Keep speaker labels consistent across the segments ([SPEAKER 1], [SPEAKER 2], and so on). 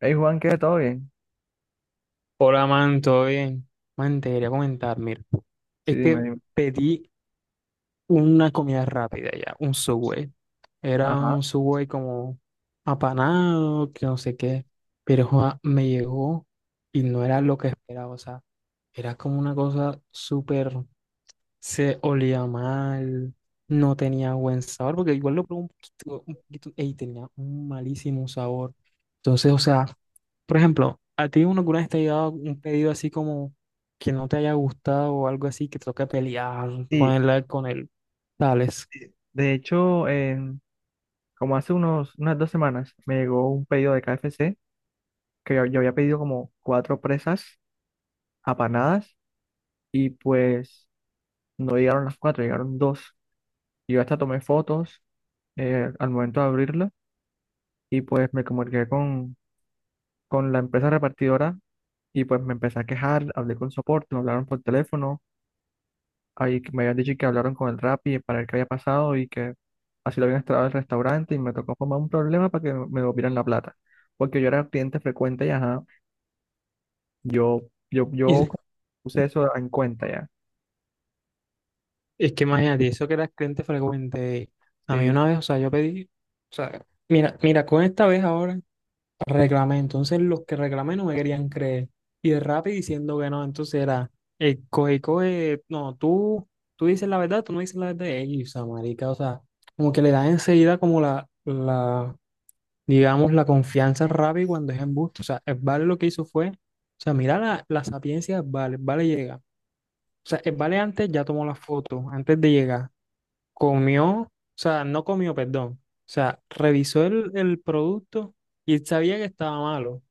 [SPEAKER 1] Hey Juan, ¿qué? ¿Todo bien?
[SPEAKER 2] Hola, man, ¿todo bien? Man, te quería comentar, mira,
[SPEAKER 1] Sí,
[SPEAKER 2] es
[SPEAKER 1] dime,
[SPEAKER 2] que
[SPEAKER 1] dime.
[SPEAKER 2] pedí una comida rápida ya, un Subway. Era
[SPEAKER 1] Ajá.
[SPEAKER 2] un Subway como apanado, que no sé qué, pero joa, me llegó y no era lo que esperaba, o sea, era como una cosa súper, se olía mal, no tenía buen sabor, porque igual lo probé un poquito, y tenía un malísimo sabor. Entonces, o sea, por ejemplo, ¿a ti uno alguna vez te ha llegado un pedido así como que no te haya gustado o algo así que te toca pelear con
[SPEAKER 1] Sí,
[SPEAKER 2] el tales?
[SPEAKER 1] de hecho, como hace unas 2 semanas me llegó un pedido de KFC que yo había pedido como 4 presas apanadas y pues no llegaron las 4, llegaron 2. Yo hasta tomé fotos al momento de abrirla y pues me comuniqué con la empresa repartidora y pues me empecé a quejar, hablé con soporte, me hablaron por teléfono, ahí que me habían dicho que hablaron con el Rappi para ver qué había pasado y que así lo habían instalado el restaurante y me tocó formar un problema para que me devolvieran la plata. Porque yo era cliente frecuente y ajá, yo, yo
[SPEAKER 2] Y
[SPEAKER 1] puse eso en cuenta ya.
[SPEAKER 2] es que imagínate, eso que era cliente frecuente. A mí
[SPEAKER 1] Sí.
[SPEAKER 2] una vez, o sea, yo pedí, o sea, mira, mira, con esta vez ahora reclamé. Entonces los que reclamé no me querían creer. Y de rápido diciendo que no, entonces era, coge, coge, no, tú dices la verdad, tú no dices la verdad. Ey, o sea, marica, o sea, como que le dan enseguida como la digamos, la confianza rápida cuando es embuste. O sea, Vale lo que hizo fue, o sea, mira la sapiencia de Vale, Vale llega. O sea, Vale antes ya tomó la foto, antes de llegar, comió, o sea, no comió, perdón. O sea, revisó el producto y él sabía que estaba malo.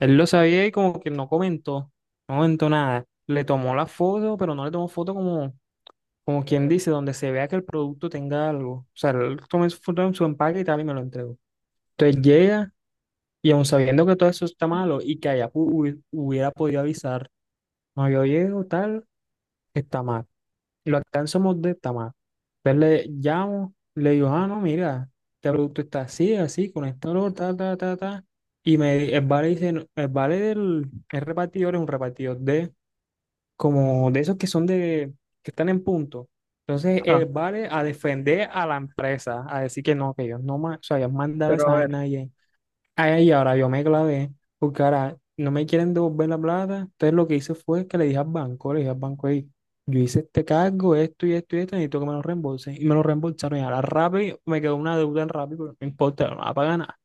[SPEAKER 2] Él lo sabía y como que no comentó, no comentó nada. Le tomó la foto, pero no le tomó foto como quien dice, donde se vea que el producto tenga algo. O sea, él tomó su foto en su empaque y tal y me lo entregó. Entonces llega. Y aun sabiendo que todo eso está malo y que allá hubiera podido avisar, no, yo llego tal, está mal. Y lo alcanzamos de está mal. Entonces le llamo, le digo, ah, no, mira, este producto está así, así, con esto, lo, ta, ta, ta, ta. Y el vale dice, "No, el vale del el repartidor es un repartidor de, como de esos que son de, que están en punto. Entonces,
[SPEAKER 1] Ajá,
[SPEAKER 2] el vale a defender a la empresa, a decir que no, que ellos no, o sea, ellos mandaron
[SPEAKER 1] pero
[SPEAKER 2] esa
[SPEAKER 1] a ver,
[SPEAKER 2] vaina. Ay, ahora yo me clavé, porque ahora no me quieren devolver la plata. Entonces lo que hice fue que le dije al banco, le dije al banco, "Ey, yo hice este cargo, esto y esto y esto, necesito que me lo reembolsen. Y me lo reembolsaron. Y ahora rápido me quedó una deuda en rápido, pero no importa, no la pagan nada.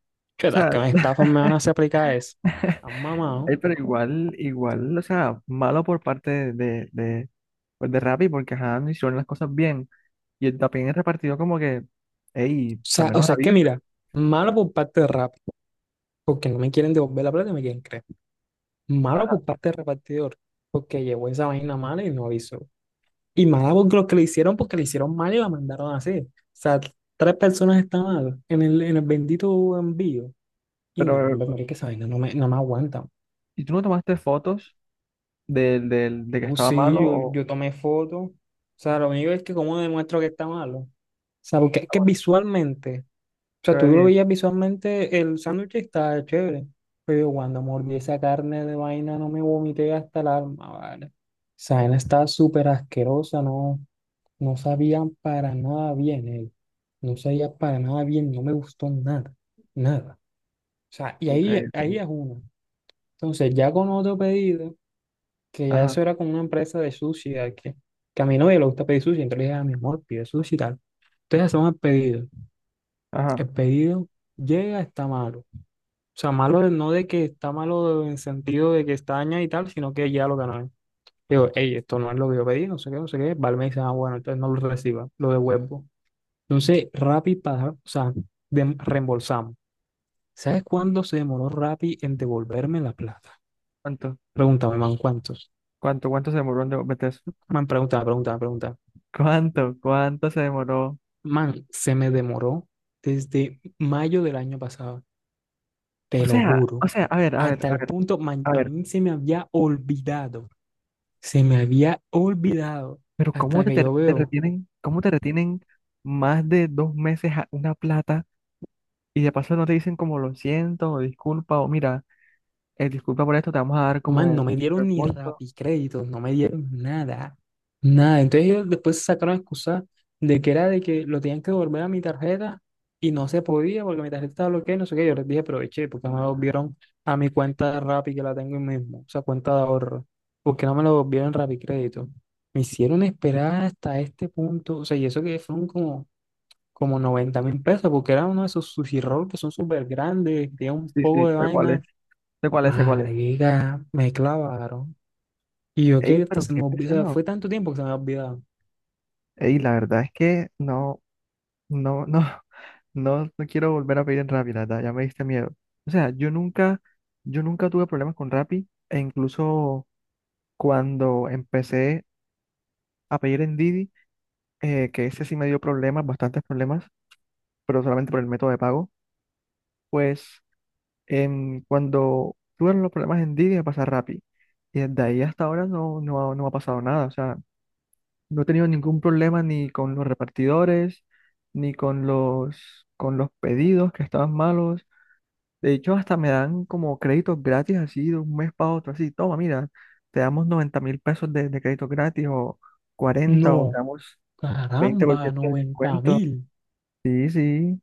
[SPEAKER 1] o
[SPEAKER 2] Chuetas,
[SPEAKER 1] sea,
[SPEAKER 2] que me estafan, me van a hacer aplicar eso. Han mamado. O
[SPEAKER 1] pero igual, o sea, malo por parte pues de Rappi porque ajá, no hicieron las cosas bien. Y el- también el repartido como que, hey, al
[SPEAKER 2] sea, o
[SPEAKER 1] menos a
[SPEAKER 2] sea, es
[SPEAKER 1] mí.
[SPEAKER 2] que mira, malo por parte de Rappi, porque no me quieren devolver la plata y me quieren creer. Malo
[SPEAKER 1] Ajá,
[SPEAKER 2] por parte del repartidor, porque llevó esa vaina mala y no avisó. Y mala porque los que le hicieron, porque le hicieron mal y la mandaron así. O sea, tres personas estaban en el bendito envío. Y no,
[SPEAKER 1] pero,
[SPEAKER 2] hombre, marica, esa vaina no me aguanta.
[SPEAKER 1] ¿y tú no tomaste fotos de que estaba
[SPEAKER 2] Sí,
[SPEAKER 1] malo
[SPEAKER 2] yo,
[SPEAKER 1] o...
[SPEAKER 2] yo tomé foto. O sea, lo único es que cómo demuestro que está malo. O sea, porque es
[SPEAKER 1] Ah,
[SPEAKER 2] que
[SPEAKER 1] bueno, sí,
[SPEAKER 2] visualmente, o
[SPEAKER 1] se
[SPEAKER 2] sea, tú
[SPEAKER 1] ve
[SPEAKER 2] lo
[SPEAKER 1] bien.
[SPEAKER 2] veías visualmente, el sándwich está chévere. Pero yo cuando mordí esa carne de vaina no me vomité hasta el alma, ¿vale? Esa vaina está súper asquerosa, ¿no? No sabían para nada bien él. No sabía para nada bien, no me gustó nada, nada. O sea, y
[SPEAKER 1] Ok,
[SPEAKER 2] ahí,
[SPEAKER 1] ok.
[SPEAKER 2] ahí es una. Entonces, ya con otro pedido, que ya
[SPEAKER 1] Ajá,
[SPEAKER 2] eso era con una empresa de sushi, que a mi novia le gusta pedir sushi, entonces le dije a mi amor, pide sushi y tal. Entonces hacemos el pedido.
[SPEAKER 1] ajá.
[SPEAKER 2] El pedido llega, está malo. O sea, malo no de que está malo en sentido de que está dañado y tal, sino que ya lo ganó. Digo, hey, esto no es lo que yo pedí, no sé qué, no sé qué. Vale, me dice, ah, bueno, entonces no lo reciba, lo devuelvo. Entonces, Rappi, o sea, reembolsamos. ¿Sabes cuándo se demoró Rappi en devolverme la plata?
[SPEAKER 1] ¿Cuánto?
[SPEAKER 2] Pregúntame, man, ¿cuántos?
[SPEAKER 1] Cuánto se demoró en de- meter eso?
[SPEAKER 2] Man, pregunta, pregunta, pregunta.
[SPEAKER 1] Cuánto se demoró?
[SPEAKER 2] Man, se me demoró desde mayo del año pasado, te lo juro.
[SPEAKER 1] A ver,
[SPEAKER 2] Hasta el punto, man,
[SPEAKER 1] a
[SPEAKER 2] a
[SPEAKER 1] ver,
[SPEAKER 2] mí se me había olvidado, se me había olvidado.
[SPEAKER 1] pero ¿cómo
[SPEAKER 2] Hasta
[SPEAKER 1] te,
[SPEAKER 2] que
[SPEAKER 1] te-
[SPEAKER 2] yo
[SPEAKER 1] te
[SPEAKER 2] veo.
[SPEAKER 1] retienen, cómo te retienen más de 2 meses a- una plata y de paso no te dicen como lo siento o disculpa o mira, disculpa por esto, te vamos a dar
[SPEAKER 2] Man,
[SPEAKER 1] como
[SPEAKER 2] no me dieron ni
[SPEAKER 1] reembolso?
[SPEAKER 2] Rappi créditos, no me dieron nada, nada. Entonces ellos después sacaron excusa de que era de que lo tenían que devolver a mi tarjeta y no se podía porque mi tarjeta estaba bloqueada, y no sé qué. Yo les dije, aproveché, porque me lo devolvieron a mi cuenta de Rappi que la tengo ahí mismo, o sea, cuenta de ahorro, porque no me lo devolvieron Rappi crédito. Me hicieron esperar hasta este punto, o sea, y eso que fueron como 90.000 pesos, porque era uno de esos sushi roll que son súper grandes, tenía un
[SPEAKER 1] Sí, sí,
[SPEAKER 2] poco de
[SPEAKER 1] sé cuál es,
[SPEAKER 2] vaina.
[SPEAKER 1] sé cuál es, sé cuál es.
[SPEAKER 2] Marica, me clavaron. Y yo
[SPEAKER 1] Ey,
[SPEAKER 2] qué hasta
[SPEAKER 1] pero
[SPEAKER 2] se
[SPEAKER 1] qué
[SPEAKER 2] me olvidó, o sea,
[SPEAKER 1] pesado.
[SPEAKER 2] fue tanto tiempo que se me ha olvidado.
[SPEAKER 1] Ey, la verdad es que no, no, no. No, no quiero volver a pedir en Rappi, la verdad, ya me diste miedo. O sea, yo nunca tuve problemas con Rappi, e incluso cuando empecé a pedir en Didi, que ese sí me dio problemas, bastantes problemas, pero solamente por el método de pago, pues cuando tuve los problemas en Didi me pasé a Rappi. Y desde ahí hasta ahora no, no, ha- no me ha pasado nada. O sea, no he tenido ningún problema ni con los repartidores, ni con con los pedidos que estaban malos. De hecho, hasta me dan como créditos gratis así de un mes para otro, así, toma, mira, te damos 90.000 pesos de crédito gratis o
[SPEAKER 2] No,
[SPEAKER 1] 40 o te damos veinte por
[SPEAKER 2] caramba,
[SPEAKER 1] ciento de
[SPEAKER 2] noventa
[SPEAKER 1] descuento.
[SPEAKER 2] mil.
[SPEAKER 1] Sí, sí,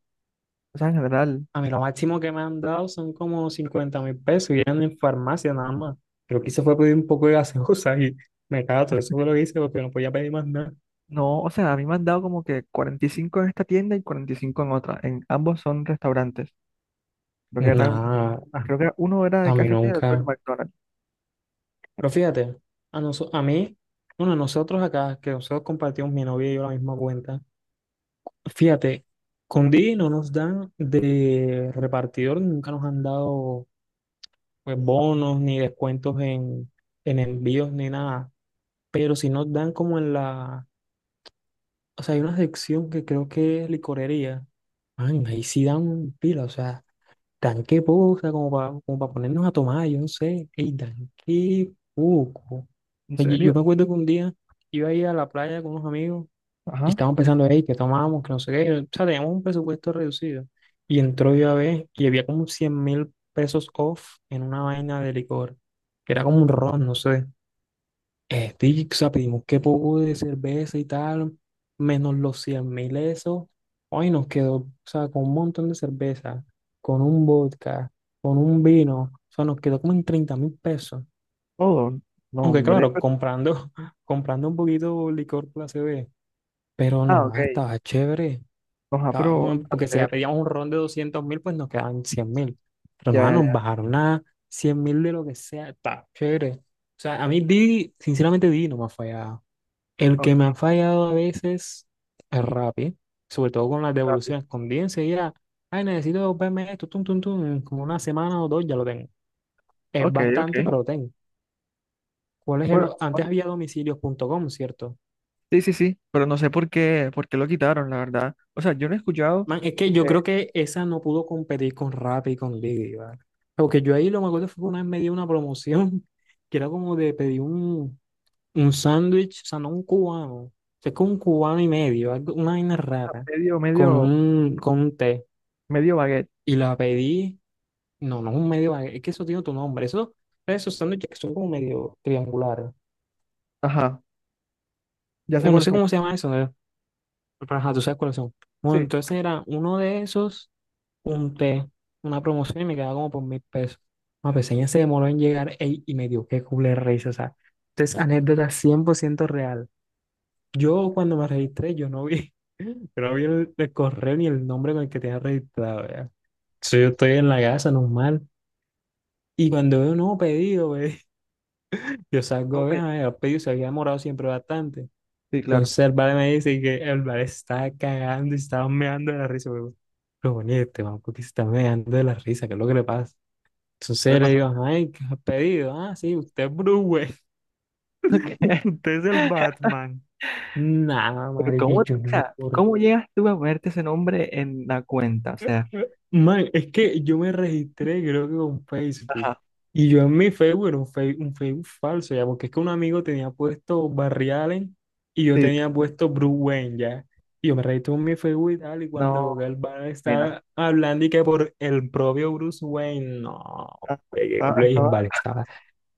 [SPEAKER 1] o sea, en general.
[SPEAKER 2] A mí lo máximo que me han dado son como 50.000 pesos y eran en farmacia nada más. Lo que hice fue pedir un poco de gaseosa y me cato, eso fue lo que hice porque no podía pedir más nada.
[SPEAKER 1] No, o sea, a mí me han dado como que 45 en esta tienda y 45 en otra. En ambos son restaurantes. Creo que era,
[SPEAKER 2] Nada,
[SPEAKER 1] creo que era- uno era de
[SPEAKER 2] a mí
[SPEAKER 1] KFC y el otro de
[SPEAKER 2] nunca.
[SPEAKER 1] McDonald's.
[SPEAKER 2] Pero fíjate, a mí, bueno, a nosotros acá, que nosotros compartimos mi novia y yo la misma cuenta, fíjate, con Didi no nos dan de repartidor, nunca nos han dado pues, bonos, ni descuentos en envíos, ni nada. Pero si nos dan como en la, o sea, hay una sección que creo que es licorería. Man, ahí sí dan pila, o sea, dan qué poco, o sea, como para como pa ponernos a tomar, yo no sé, ey, dan qué poco. O
[SPEAKER 1] ¿En
[SPEAKER 2] sea, yo me
[SPEAKER 1] serio?
[SPEAKER 2] acuerdo que un día iba a ir a la playa con unos amigos y
[SPEAKER 1] Ajá,
[SPEAKER 2] estábamos pensando, hey, ¿qué tomamos? Que no sé qué. O sea, teníamos un presupuesto reducido. Y entró yo a ver y había como 100.000 pesos off en una vaina de licor, que era como un ron, no sé. Y, o sea, pedimos qué poco de cerveza y tal, menos los 100.000 esos. Hoy nos quedó, o sea, con un montón de cerveza, con un vodka, con un vino. O sea, nos quedó como en 30.000 pesos.
[SPEAKER 1] todo. No,
[SPEAKER 2] Aunque
[SPEAKER 1] hombre,
[SPEAKER 2] claro,
[SPEAKER 1] pero-
[SPEAKER 2] comprando, comprando un poquito licor clase B. Pero
[SPEAKER 1] Ah,
[SPEAKER 2] no,
[SPEAKER 1] ok.
[SPEAKER 2] ah, estaba chévere.
[SPEAKER 1] Nos pero
[SPEAKER 2] Porque si ya
[SPEAKER 1] hacer.
[SPEAKER 2] pedíamos un ron de 200.000, pues nos quedaban 100.000. Pero
[SPEAKER 1] Ya,
[SPEAKER 2] no, ah,
[SPEAKER 1] ya,
[SPEAKER 2] nos
[SPEAKER 1] ya.
[SPEAKER 2] bajaron a 100.000 de lo que sea. Está chévere. O sea, a mí Didi, sinceramente Didi no me ha fallado. El
[SPEAKER 1] Ok,
[SPEAKER 2] que me ha fallado a veces es Rappi, sobre todo con las
[SPEAKER 1] rápido.
[SPEAKER 2] devoluciones. Con Didi enseguida, ay, necesito verme esto, tum, tum, tum, en como una semana o dos ya lo tengo. Es
[SPEAKER 1] Ok, ok.
[SPEAKER 2] bastante, pero lo tengo. ¿Cuál es el
[SPEAKER 1] Bueno,
[SPEAKER 2] o- Antes había domicilios.com, ¿cierto?
[SPEAKER 1] sí, sí, sí, pero no sé por qué lo quitaron, la verdad. O sea, yo no he escuchado
[SPEAKER 2] Man, es que yo
[SPEAKER 1] que
[SPEAKER 2] creo que esa no pudo competir con Rappi y con Didi, ¿vale? Porque yo ahí lo me acuerdo fue que una vez me dio una promoción que era como de pedir un sándwich, o sea, no un cubano, o sea, es como un cubano y medio, una vaina
[SPEAKER 1] ah,
[SPEAKER 2] rara, con un té.
[SPEAKER 1] medio baguette.
[SPEAKER 2] Y la pedí, no, no es un medio, es que eso tiene tu nombre, eso, esos sándwiches que son como medio triangulares.
[SPEAKER 1] Ajá, ya sé
[SPEAKER 2] O no
[SPEAKER 1] cuáles
[SPEAKER 2] sé
[SPEAKER 1] son.
[SPEAKER 2] cómo se llama eso, ¿no? Pero ajá, tú sabes cuáles son. Bueno,
[SPEAKER 1] Sí,
[SPEAKER 2] entonces era uno de esos un té, una promoción y me quedaba como por 1.000 pesos. La peseña se demoró en llegar ey, y me dio qué culé risa, o sea, entonces anécdota 100% real. Yo cuando me registré, yo no vi, yo no vi el correo ni el nombre con el que tenía registrado, ya. Entonces yo estoy en la casa normal y cuando veo un nuevo pedido, ve, yo salgo
[SPEAKER 1] no,
[SPEAKER 2] a ver,
[SPEAKER 1] pues,
[SPEAKER 2] ay, el pedido se había demorado siempre bastante.
[SPEAKER 1] sí, claro.
[SPEAKER 2] Entonces el vale me dice que el vale estaba cagando y estaba meando de la risa, pero bueno, ¿y este man, ¿por se está meando de la risa? ¿Qué es lo que le pasa?
[SPEAKER 1] ¿Qué
[SPEAKER 2] Entonces le
[SPEAKER 1] pasa?
[SPEAKER 2] digo, ay, ¿qué has pedido? Ah, sí, usted es Bruce Wayne,
[SPEAKER 1] ¿Qué?
[SPEAKER 2] usted es el Batman. Nada,
[SPEAKER 1] Pero
[SPEAKER 2] marica,
[SPEAKER 1] ¿cómo, o
[SPEAKER 2] yo no me
[SPEAKER 1] sea,
[SPEAKER 2] acuerdo.
[SPEAKER 1] cómo llegas tú a ponerte ese nombre en la cuenta? O sea,
[SPEAKER 2] Man, es que yo me registré, creo que con Facebook.
[SPEAKER 1] ajá,
[SPEAKER 2] Y yo en mi Facebook era un Facebook falso, ya, porque es que un amigo tenía puesto Barry Allen y yo
[SPEAKER 1] sí,
[SPEAKER 2] tenía puesto Bruce Wayne, ya. Y yo me registré en mi Facebook y tal, y
[SPEAKER 1] no,
[SPEAKER 2] cuando el van
[SPEAKER 1] pena.
[SPEAKER 2] estaba hablando y que por el propio Bruce Wayne, no,
[SPEAKER 1] Ah,
[SPEAKER 2] hombre, qué
[SPEAKER 1] estaba,
[SPEAKER 2] culo, y el
[SPEAKER 1] estaba
[SPEAKER 2] vale,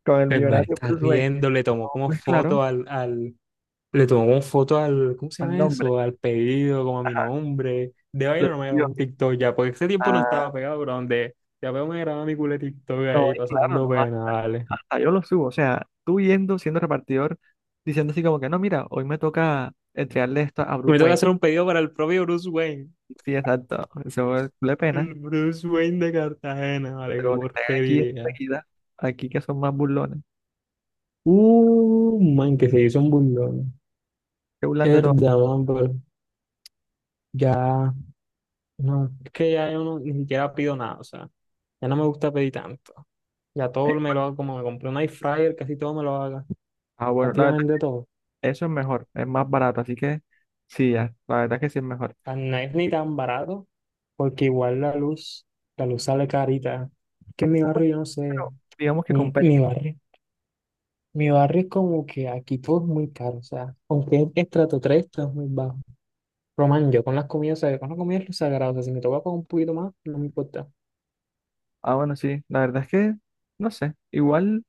[SPEAKER 1] con el
[SPEAKER 2] el man
[SPEAKER 1] millonario
[SPEAKER 2] está
[SPEAKER 1] Bruce Wayne.
[SPEAKER 2] riendo, le tomó
[SPEAKER 1] No,
[SPEAKER 2] como
[SPEAKER 1] pues claro,
[SPEAKER 2] foto al, le tomó como foto al, ¿cómo se
[SPEAKER 1] al
[SPEAKER 2] llama
[SPEAKER 1] nombre.
[SPEAKER 2] eso? Al pedido, como a mi
[SPEAKER 1] Ajá,
[SPEAKER 2] nombre. De
[SPEAKER 1] lo
[SPEAKER 2] vaina no me grabó
[SPEAKER 1] subió.
[SPEAKER 2] un TikTok ya, porque ese tiempo no estaba pegado, pero donde ya veo me grababa mi culo de TikTok
[SPEAKER 1] No,
[SPEAKER 2] ahí
[SPEAKER 1] es claro,
[SPEAKER 2] pasando
[SPEAKER 1] no,
[SPEAKER 2] pena,
[SPEAKER 1] hasta,
[SPEAKER 2] vale.
[SPEAKER 1] hasta yo lo subo. O sea, tú yendo, siendo repartidor, diciendo así como que no, mira, hoy me toca entregarle esto a Bruce
[SPEAKER 2] Me toca
[SPEAKER 1] Wayne.
[SPEAKER 2] hacer un pedido para el propio Bruce Wayne.
[SPEAKER 1] Sí, exacto. Eso es le pena.
[SPEAKER 2] El Bruce Wayne de Cartagena, vale, qué
[SPEAKER 1] Pero que están aquí
[SPEAKER 2] porquería.
[SPEAKER 1] enseguida, aquí que son más burlones,
[SPEAKER 2] Man, que se hizo un burlón.
[SPEAKER 1] que burlan de todo.
[SPEAKER 2] Herda, man, pero ya, no, es que ya yo no, ni siquiera pido nada, o sea, ya no me gusta pedir tanto. Ya
[SPEAKER 1] Eh,
[SPEAKER 2] todo me lo hago, como me compré un air fryer, casi todo me lo haga.
[SPEAKER 1] Ah, bueno, la verdad,
[SPEAKER 2] Prácticamente todo.
[SPEAKER 1] eso es mejor, es más barato. Así que sí, ya, la verdad es que sí es mejor.
[SPEAKER 2] Ah, no es ni tan barato, porque igual la luz sale carita. Es que en mi
[SPEAKER 1] Bueno,
[SPEAKER 2] barrio, yo no sé,
[SPEAKER 1] pero digamos que
[SPEAKER 2] mi,
[SPEAKER 1] compensa.
[SPEAKER 2] mi barrio. Mi barrio es como que aquí todo es muy caro, o sea, aunque es estrato 3 todo es muy bajo. Román, yo con las comidas, o sea, yo con las comidas es lo sagrado, o sea, si me toca pagar un poquito más, no me importa.
[SPEAKER 1] Ah, bueno, sí, la verdad es que, no sé, igual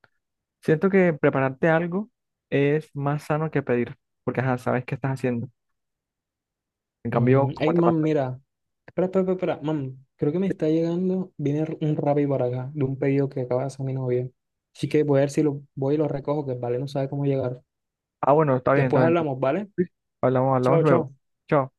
[SPEAKER 1] siento que prepararte algo es más sano que pedir, porque ajá, sabes qué estás haciendo. ¿En cambio, como
[SPEAKER 2] Ey,
[SPEAKER 1] te pasa?
[SPEAKER 2] man, mira, espera, espera, espera, espera. Mam, creo que me está llegando. Viene un Rappi por acá, de un pedido que acaba de hacer mi novia. Así que voy a ver si lo voy y lo recojo, que vale, no sabe cómo llegar.
[SPEAKER 1] Ah, bueno, está bien, está
[SPEAKER 2] Después
[SPEAKER 1] bien.
[SPEAKER 2] hablamos, ¿vale?
[SPEAKER 1] Hablamos, hablamos
[SPEAKER 2] Chao,
[SPEAKER 1] luego.
[SPEAKER 2] chao.
[SPEAKER 1] Chao.